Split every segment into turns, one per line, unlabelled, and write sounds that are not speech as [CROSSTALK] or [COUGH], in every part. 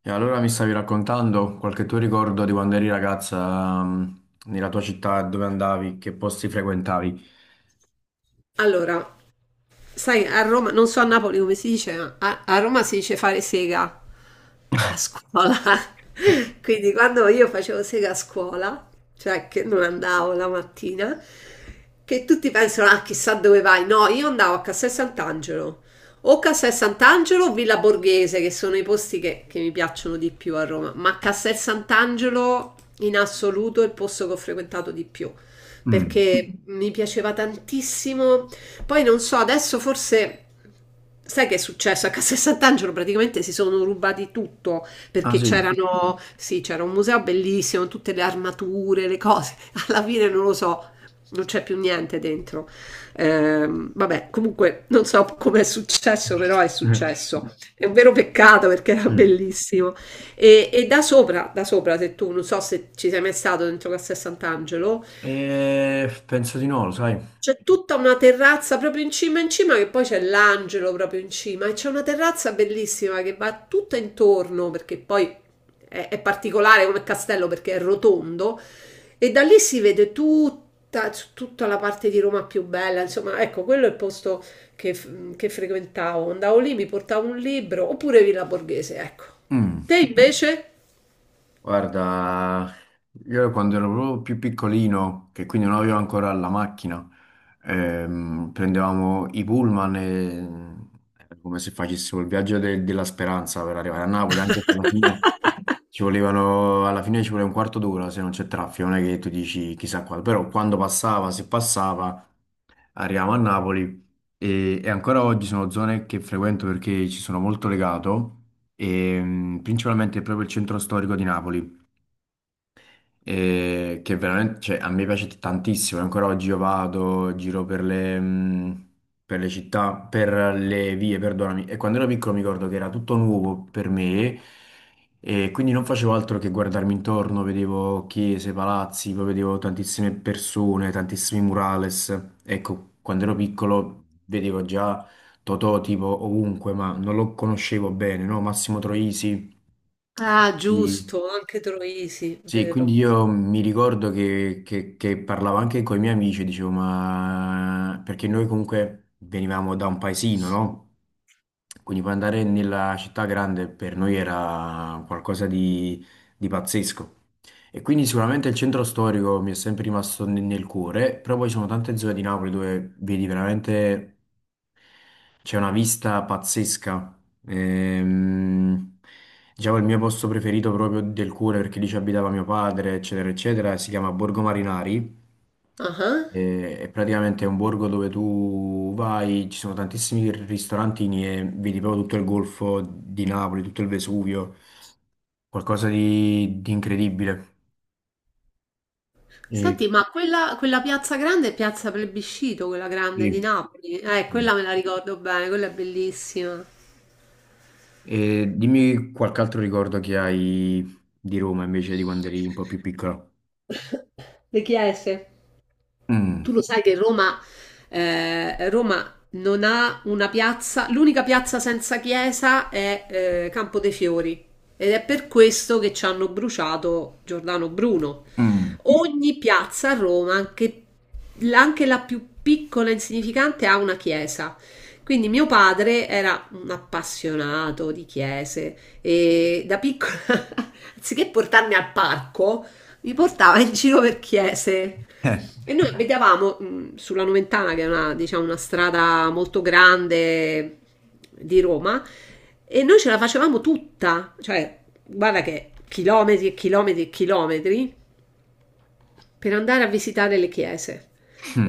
E allora mi stavi raccontando qualche tuo ricordo di quando eri ragazza, nella tua città, dove andavi, che posti frequentavi?
Allora, sai, a Roma, non so a Napoli come si dice, ma a Roma si dice fare sega a scuola. [LAUGHS] Quindi quando io facevo sega a scuola, cioè che non andavo la mattina, che tutti pensano, ah, chissà dove vai. No, io andavo a Castel Sant'Angelo o Villa Borghese, che sono i posti che mi piacciono di più a Roma, ma Castel Sant'Angelo in assoluto è il posto che ho frequentato di più
Mm.
perché mi piaceva tantissimo poi non so, adesso forse. Sai che è successo? A Castel Sant'Angelo praticamente si sono rubati tutto
Ah
perché
sì?
c'erano, sì, c'era un museo bellissimo, tutte le armature, le cose. [LAUGHS] Alla fine non lo so, non c'è più niente dentro. Vabbè, comunque non so come è successo, però è
Eh,
successo. È un vero peccato perché era
sì.
bellissimo. E da sopra, se tu non so se ci sei mai stato dentro Castel Sant'Angelo,
Penso di no, lo sai?
c'è tutta una terrazza proprio in cima che poi c'è l'angelo proprio in cima e c'è una terrazza bellissima che va tutta intorno perché poi è particolare come castello perché è rotondo e da lì si vede tutta, tutta la parte di Roma più bella, insomma, ecco, quello è il posto che frequentavo, andavo lì, mi portavo un libro oppure Villa Borghese, ecco.
Mm.
Te invece?
Guarda, io quando ero proprio più piccolino, che quindi non avevo ancora la macchina, prendevamo i pullman e era come se facessimo il viaggio della speranza per arrivare a Napoli, anche se alla fine... Ci volevano, alla fine ci vuole un quarto d'ora se non c'è traffico, non è che tu dici chissà quando, però quando passava, se passava, arriviamo a Napoli e, ancora oggi sono zone che frequento perché ci sono molto legato, e, principalmente proprio il centro storico di Napoli e che veramente, cioè, a me piace tantissimo. Ancora oggi io vado, giro per le città, per le vie, perdonami. E quando ero piccolo mi ricordo che era tutto nuovo per me e quindi non facevo altro che guardarmi intorno, vedevo chiese, palazzi, poi vedevo tantissime persone, tantissimi murales. Ecco, quando ero piccolo vedevo già Totò tipo ovunque, ma non lo conoscevo bene, no? Massimo Troisi.
Ah,
Quindi
giusto, anche Troisi,
sì, quindi
vero.
io mi ricordo che, che parlavo anche con i miei amici, e dicevo, ma perché noi comunque venivamo da un paesino, no? Quindi poi andare nella città grande per noi era qualcosa di pazzesco. E quindi sicuramente il centro storico mi è sempre rimasto nel cuore, però poi ci sono tante zone di Napoli dove vedi veramente c'è una vista pazzesca. Ehm, diciamo il mio posto preferito proprio del cuore perché lì ci abitava mio padre, eccetera, eccetera. Si chiama Borgo Marinari.
Ah.
E, praticamente è un borgo dove tu vai, ci sono tantissimi ristorantini e vedi proprio tutto il golfo di Napoli, tutto il Vesuvio, qualcosa di incredibile. E,
Senti, ma quella piazza grande è Piazza Plebiscito, quella grande di
sì,
Napoli.
sì.
Quella me la ricordo bene, quella è bellissima.
E dimmi qualche altro ricordo che hai di Roma invece di quando eri un po' più piccola.
[COUGHS] [LAUGHS] Le chiese.
Mm,
Tu lo sai che Roma, Roma non ha una piazza, l'unica piazza senza chiesa è Campo dei Fiori ed è per questo che ci hanno bruciato Giordano Bruno.
mm,
Ogni piazza a Roma, anche la più piccola e insignificante, ha una chiesa. Quindi mio padre era un appassionato di chiese e da piccola, [LAUGHS] anziché portarmi al parco, mi portava in giro per chiese.
[LAUGHS] eh,
E noi abitavamo sulla Noventana, che è una, diciamo, una strada molto grande di Roma, e noi ce la facevamo tutta, cioè, guarda che chilometri e chilometri e chilometri per andare a visitare le chiese.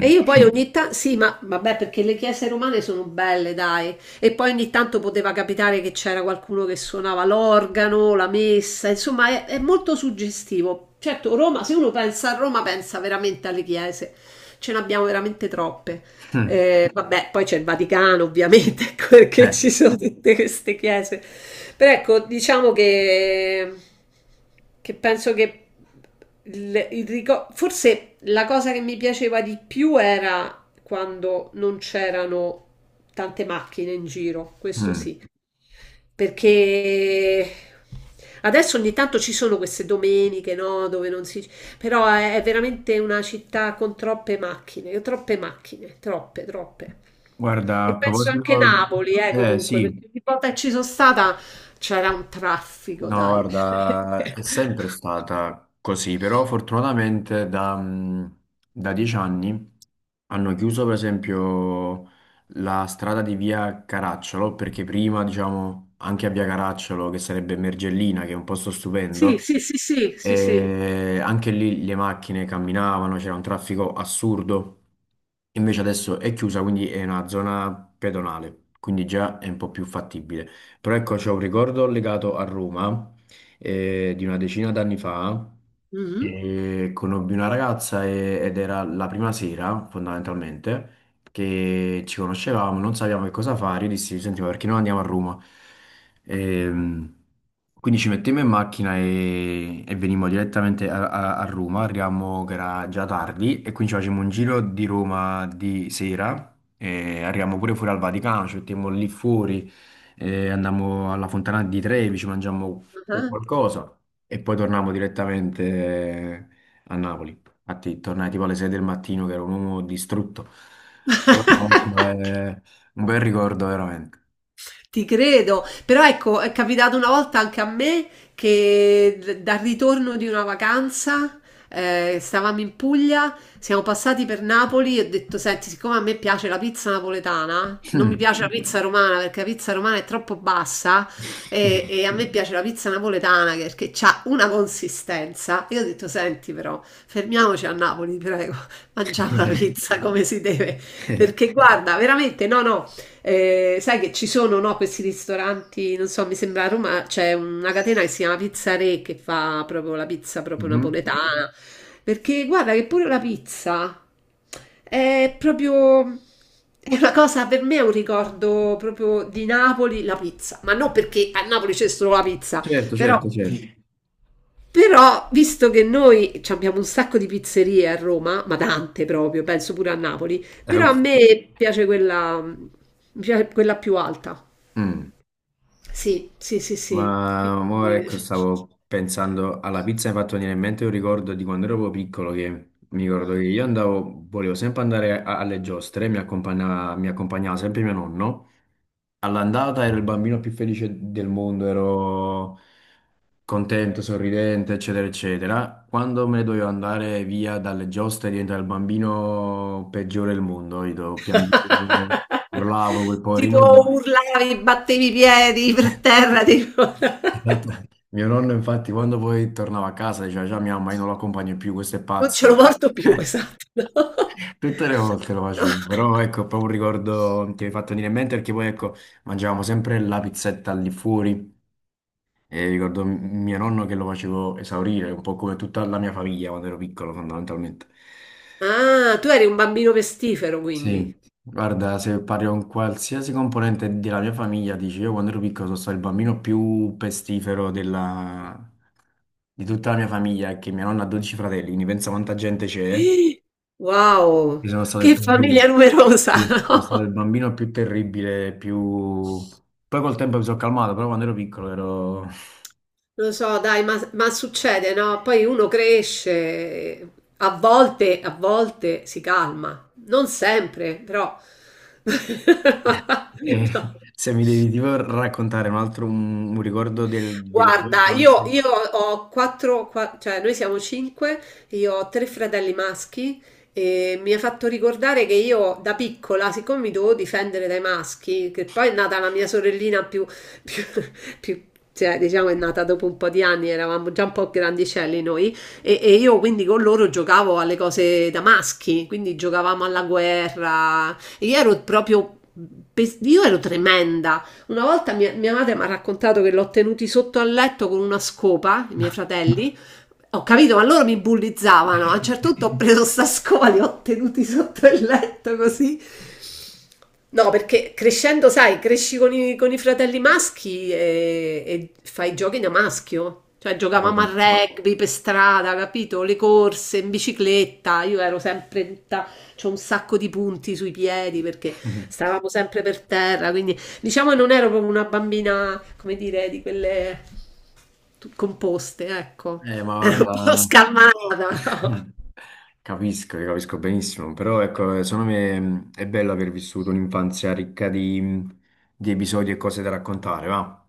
E io poi ogni tanto, sì, ma vabbè, perché le chiese romane sono belle, dai. E poi ogni tanto poteva capitare che c'era qualcuno che suonava l'organo, la messa, insomma, è molto suggestivo. Certo, Roma, se uno pensa a Roma, pensa veramente alle chiese. Ce ne abbiamo veramente troppe.
mm,
Vabbè, poi c'è il Vaticano, ovviamente, [LAUGHS] ecco perché
eh,
ci sono tutte queste chiese. Però ecco, diciamo che penso che forse la cosa che mi piaceva di più era quando non c'erano tante macchine in giro, questo
mm.
sì. Perché adesso ogni tanto ci sono queste domeniche, no, dove non si però è veramente una città con troppe macchine, troppe macchine, troppe, troppe.
Guarda,
E
a
penso anche
proposito,
Napoli,
eh
comunque,
sì.
perché ogni volta che ci sono stata c'era un traffico,
No,
dai. [LAUGHS]
guarda, è
Veramente.
sempre stata così, però fortunatamente da, da 10 anni hanno chiuso per esempio la strada di via Caracciolo, perché prima, diciamo, anche a via Caracciolo, che sarebbe Mergellina, che è un posto
Sì,
stupendo,
sì, sì, sì, sì, sì.
e anche lì le macchine camminavano, c'era un traffico assurdo. Invece adesso è chiusa, quindi è una zona pedonale, quindi già è un po' più fattibile. Però ecco, c'è un ricordo legato a Roma di una decina d'anni fa.
Mhm.
E conobbi una ragazza ed era la prima sera, fondamentalmente, che ci conoscevamo, non sapevamo che cosa fare. Io dissi, senti, ma perché non andiamo a Roma? Ehm, quindi ci mettemmo in macchina e, venimmo direttamente a, a Roma. Arriviamo che era già tardi e quindi ci facciamo un giro di Roma di sera. E arriviamo pure fuori al Vaticano, ci mettiamo lì fuori andammo alla Fontana di Trevi, ci mangiammo
Ah.
qualcosa e poi tornavamo direttamente a Napoli. Infatti tornai tipo alle 6 del mattino che ero un uomo distrutto. Però comunque
[LAUGHS]
eh, un bel ricordo veramente.
Ti credo, però ecco, è capitato una volta anche a me che dal ritorno di una vacanza, stavamo in Puglia, siamo passati per Napoli e ho detto, senti, siccome a me piace la pizza napoletana, non mi piace la pizza romana perché la pizza romana è troppo bassa e,
[LAUGHS]
e a me piace la pizza napoletana perché ha una consistenza. Io ho detto, senti però, fermiamoci a Napoli, prego, [LAUGHS] mangiamo la pizza come si deve, perché guarda, veramente, no, no. Sai che ci sono, no, questi ristoranti, non so, mi sembra a Roma c'è una catena che si chiama Pizza Re che fa proprio la pizza proprio
Mhm.
napoletana. Perché guarda che pure la pizza è proprio è una cosa per me è un ricordo proprio di Napoli, la pizza, ma non perché a Napoli c'è solo la pizza,
Certo,
però
certo, certo.
però, visto che noi ci abbiamo un sacco di pizzerie a Roma, ma tante proprio, penso pure a Napoli, però a
Uff.
me piace quella, mi piace quella più alta.
Mm.
Sì, sì, sì, sì.
Ma mo
Quindi...
ecco, stavo pensando alla pizza, mi è fatto venire in mente un ricordo di quando ero proprio piccolo che mi ricordo che io andavo, volevo sempre andare alle giostre, mi accompagnava sempre mio nonno. All'andata ero il bambino più felice del mondo, ero contento, sorridente, eccetera, eccetera. Quando me ne dovevo andare via dalle giostre diventavo il bambino peggiore del mondo, io piangevo, urlavo, quel
[LAUGHS] Tipo
poverino.
urlavi, battevi i piedi per
[LAUGHS]
terra, tipo... [LAUGHS]
Esatto. Mio nonno, infatti, quando poi tornava a casa, diceva già mia mamma, io non lo accompagno più, questo è
Non ce lo
pazzo.
porto più,
[LAUGHS]
esatto. [LAUGHS]
Tutte le volte lo
No.
facevo, però ecco, è proprio un ricordo che mi hai fatto venire in mente perché poi ecco, mangiavamo sempre la pizzetta lì fuori e ricordo mio nonno che lo facevo esaurire, un po' come tutta la mia famiglia quando ero piccolo, fondamentalmente.
Ah, tu eri un bambino pestifero,
Sì,
quindi.
guarda, se parli con qualsiasi componente della mia famiglia, dici io quando ero piccolo sono stato il bambino più pestifero di tutta la mia famiglia, che mia nonna ha 12 fratelli, quindi pensa quanta gente c'è, io
Wow,
sono stato
che
il
famiglia
più,
numerosa,
sì,
[LAUGHS]
sono stato il
no?
bambino più terribile, più... Poi col tempo mi sono calmato, però quando ero piccolo ero... [LAUGHS]
Lo so, dai, ma succede, no? Poi uno cresce, a volte si calma, non sempre, però... [LAUGHS]
E
No.
se mi devi tipo raccontare un altro un ricordo della tua
Guarda, io,
infanzia...
io ho quattro, qua- cioè noi siamo cinque, io ho tre fratelli maschi e mi ha fatto ricordare che io da piccola, siccome mi dovevo difendere dai maschi, che poi è nata la mia sorellina più, [LAUGHS] più- più- cioè diciamo è nata dopo un po' di anni, eravamo già un po' grandicelli noi e io quindi con loro giocavo alle cose da maschi, quindi giocavamo alla guerra, e io ero proprio, io ero tremenda. Una volta mia madre mi ha raccontato che l'ho tenuti sotto al letto con una scopa, i miei fratelli. Ho capito, ma loro mi bullizzavano. A un certo
[LAUGHS]
punto ho preso sta scopa, li ho tenuti sotto il letto così. No, perché crescendo, sai, cresci con i fratelli maschi e fai giochi da maschio. Cioè,
Come
giocavamo a
no?
rugby per strada, capito? Le corse in bicicletta. Io ero sempre. In tutta- C'ho un sacco di punti sui piedi perché
[LAUGHS]
stavamo sempre per terra. Quindi, diciamo, che non ero proprio una bambina, come dire, di quelle composte, ecco.
Ma
[LAUGHS] Ero un po'
guarda...
scalmanata.
[LAUGHS] Capisco, io capisco benissimo, però ecco, secondo me è bello aver vissuto un'infanzia ricca di episodi e cose da raccontare, va?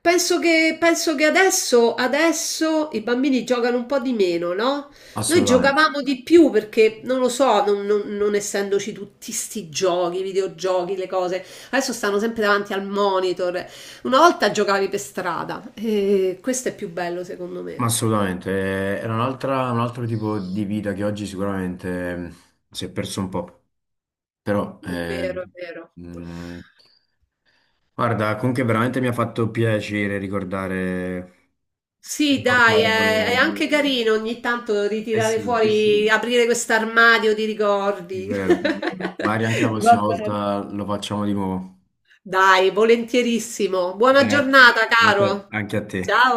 Penso che adesso i bambini giocano un po' di meno, no? Noi
Assolutamente.
giocavamo di più perché, non lo so, non essendoci tutti sti giochi, videogiochi, le cose, adesso stanno sempre davanti al monitor. Una volta giocavi per strada e questo è più bello secondo me.
Ma assolutamente, era un altro tipo di vita che oggi sicuramente si è perso un po', però
È vero, è vero.
mh, guarda, comunque veramente mi ha fatto piacere ricordare,
Sì, dai, è
ricordare,
anche carino ogni tanto
eh
ritirare
sì,
fuori, aprire questo armadio di
è
ricordi.
vero, magari anche la
[LAUGHS] Va
prossima
bene.
volta lo facciamo di nuovo.
Dai, volentierissimo. Buona
Eh,
giornata,
anche,
caro.
anche a te.
Ciao.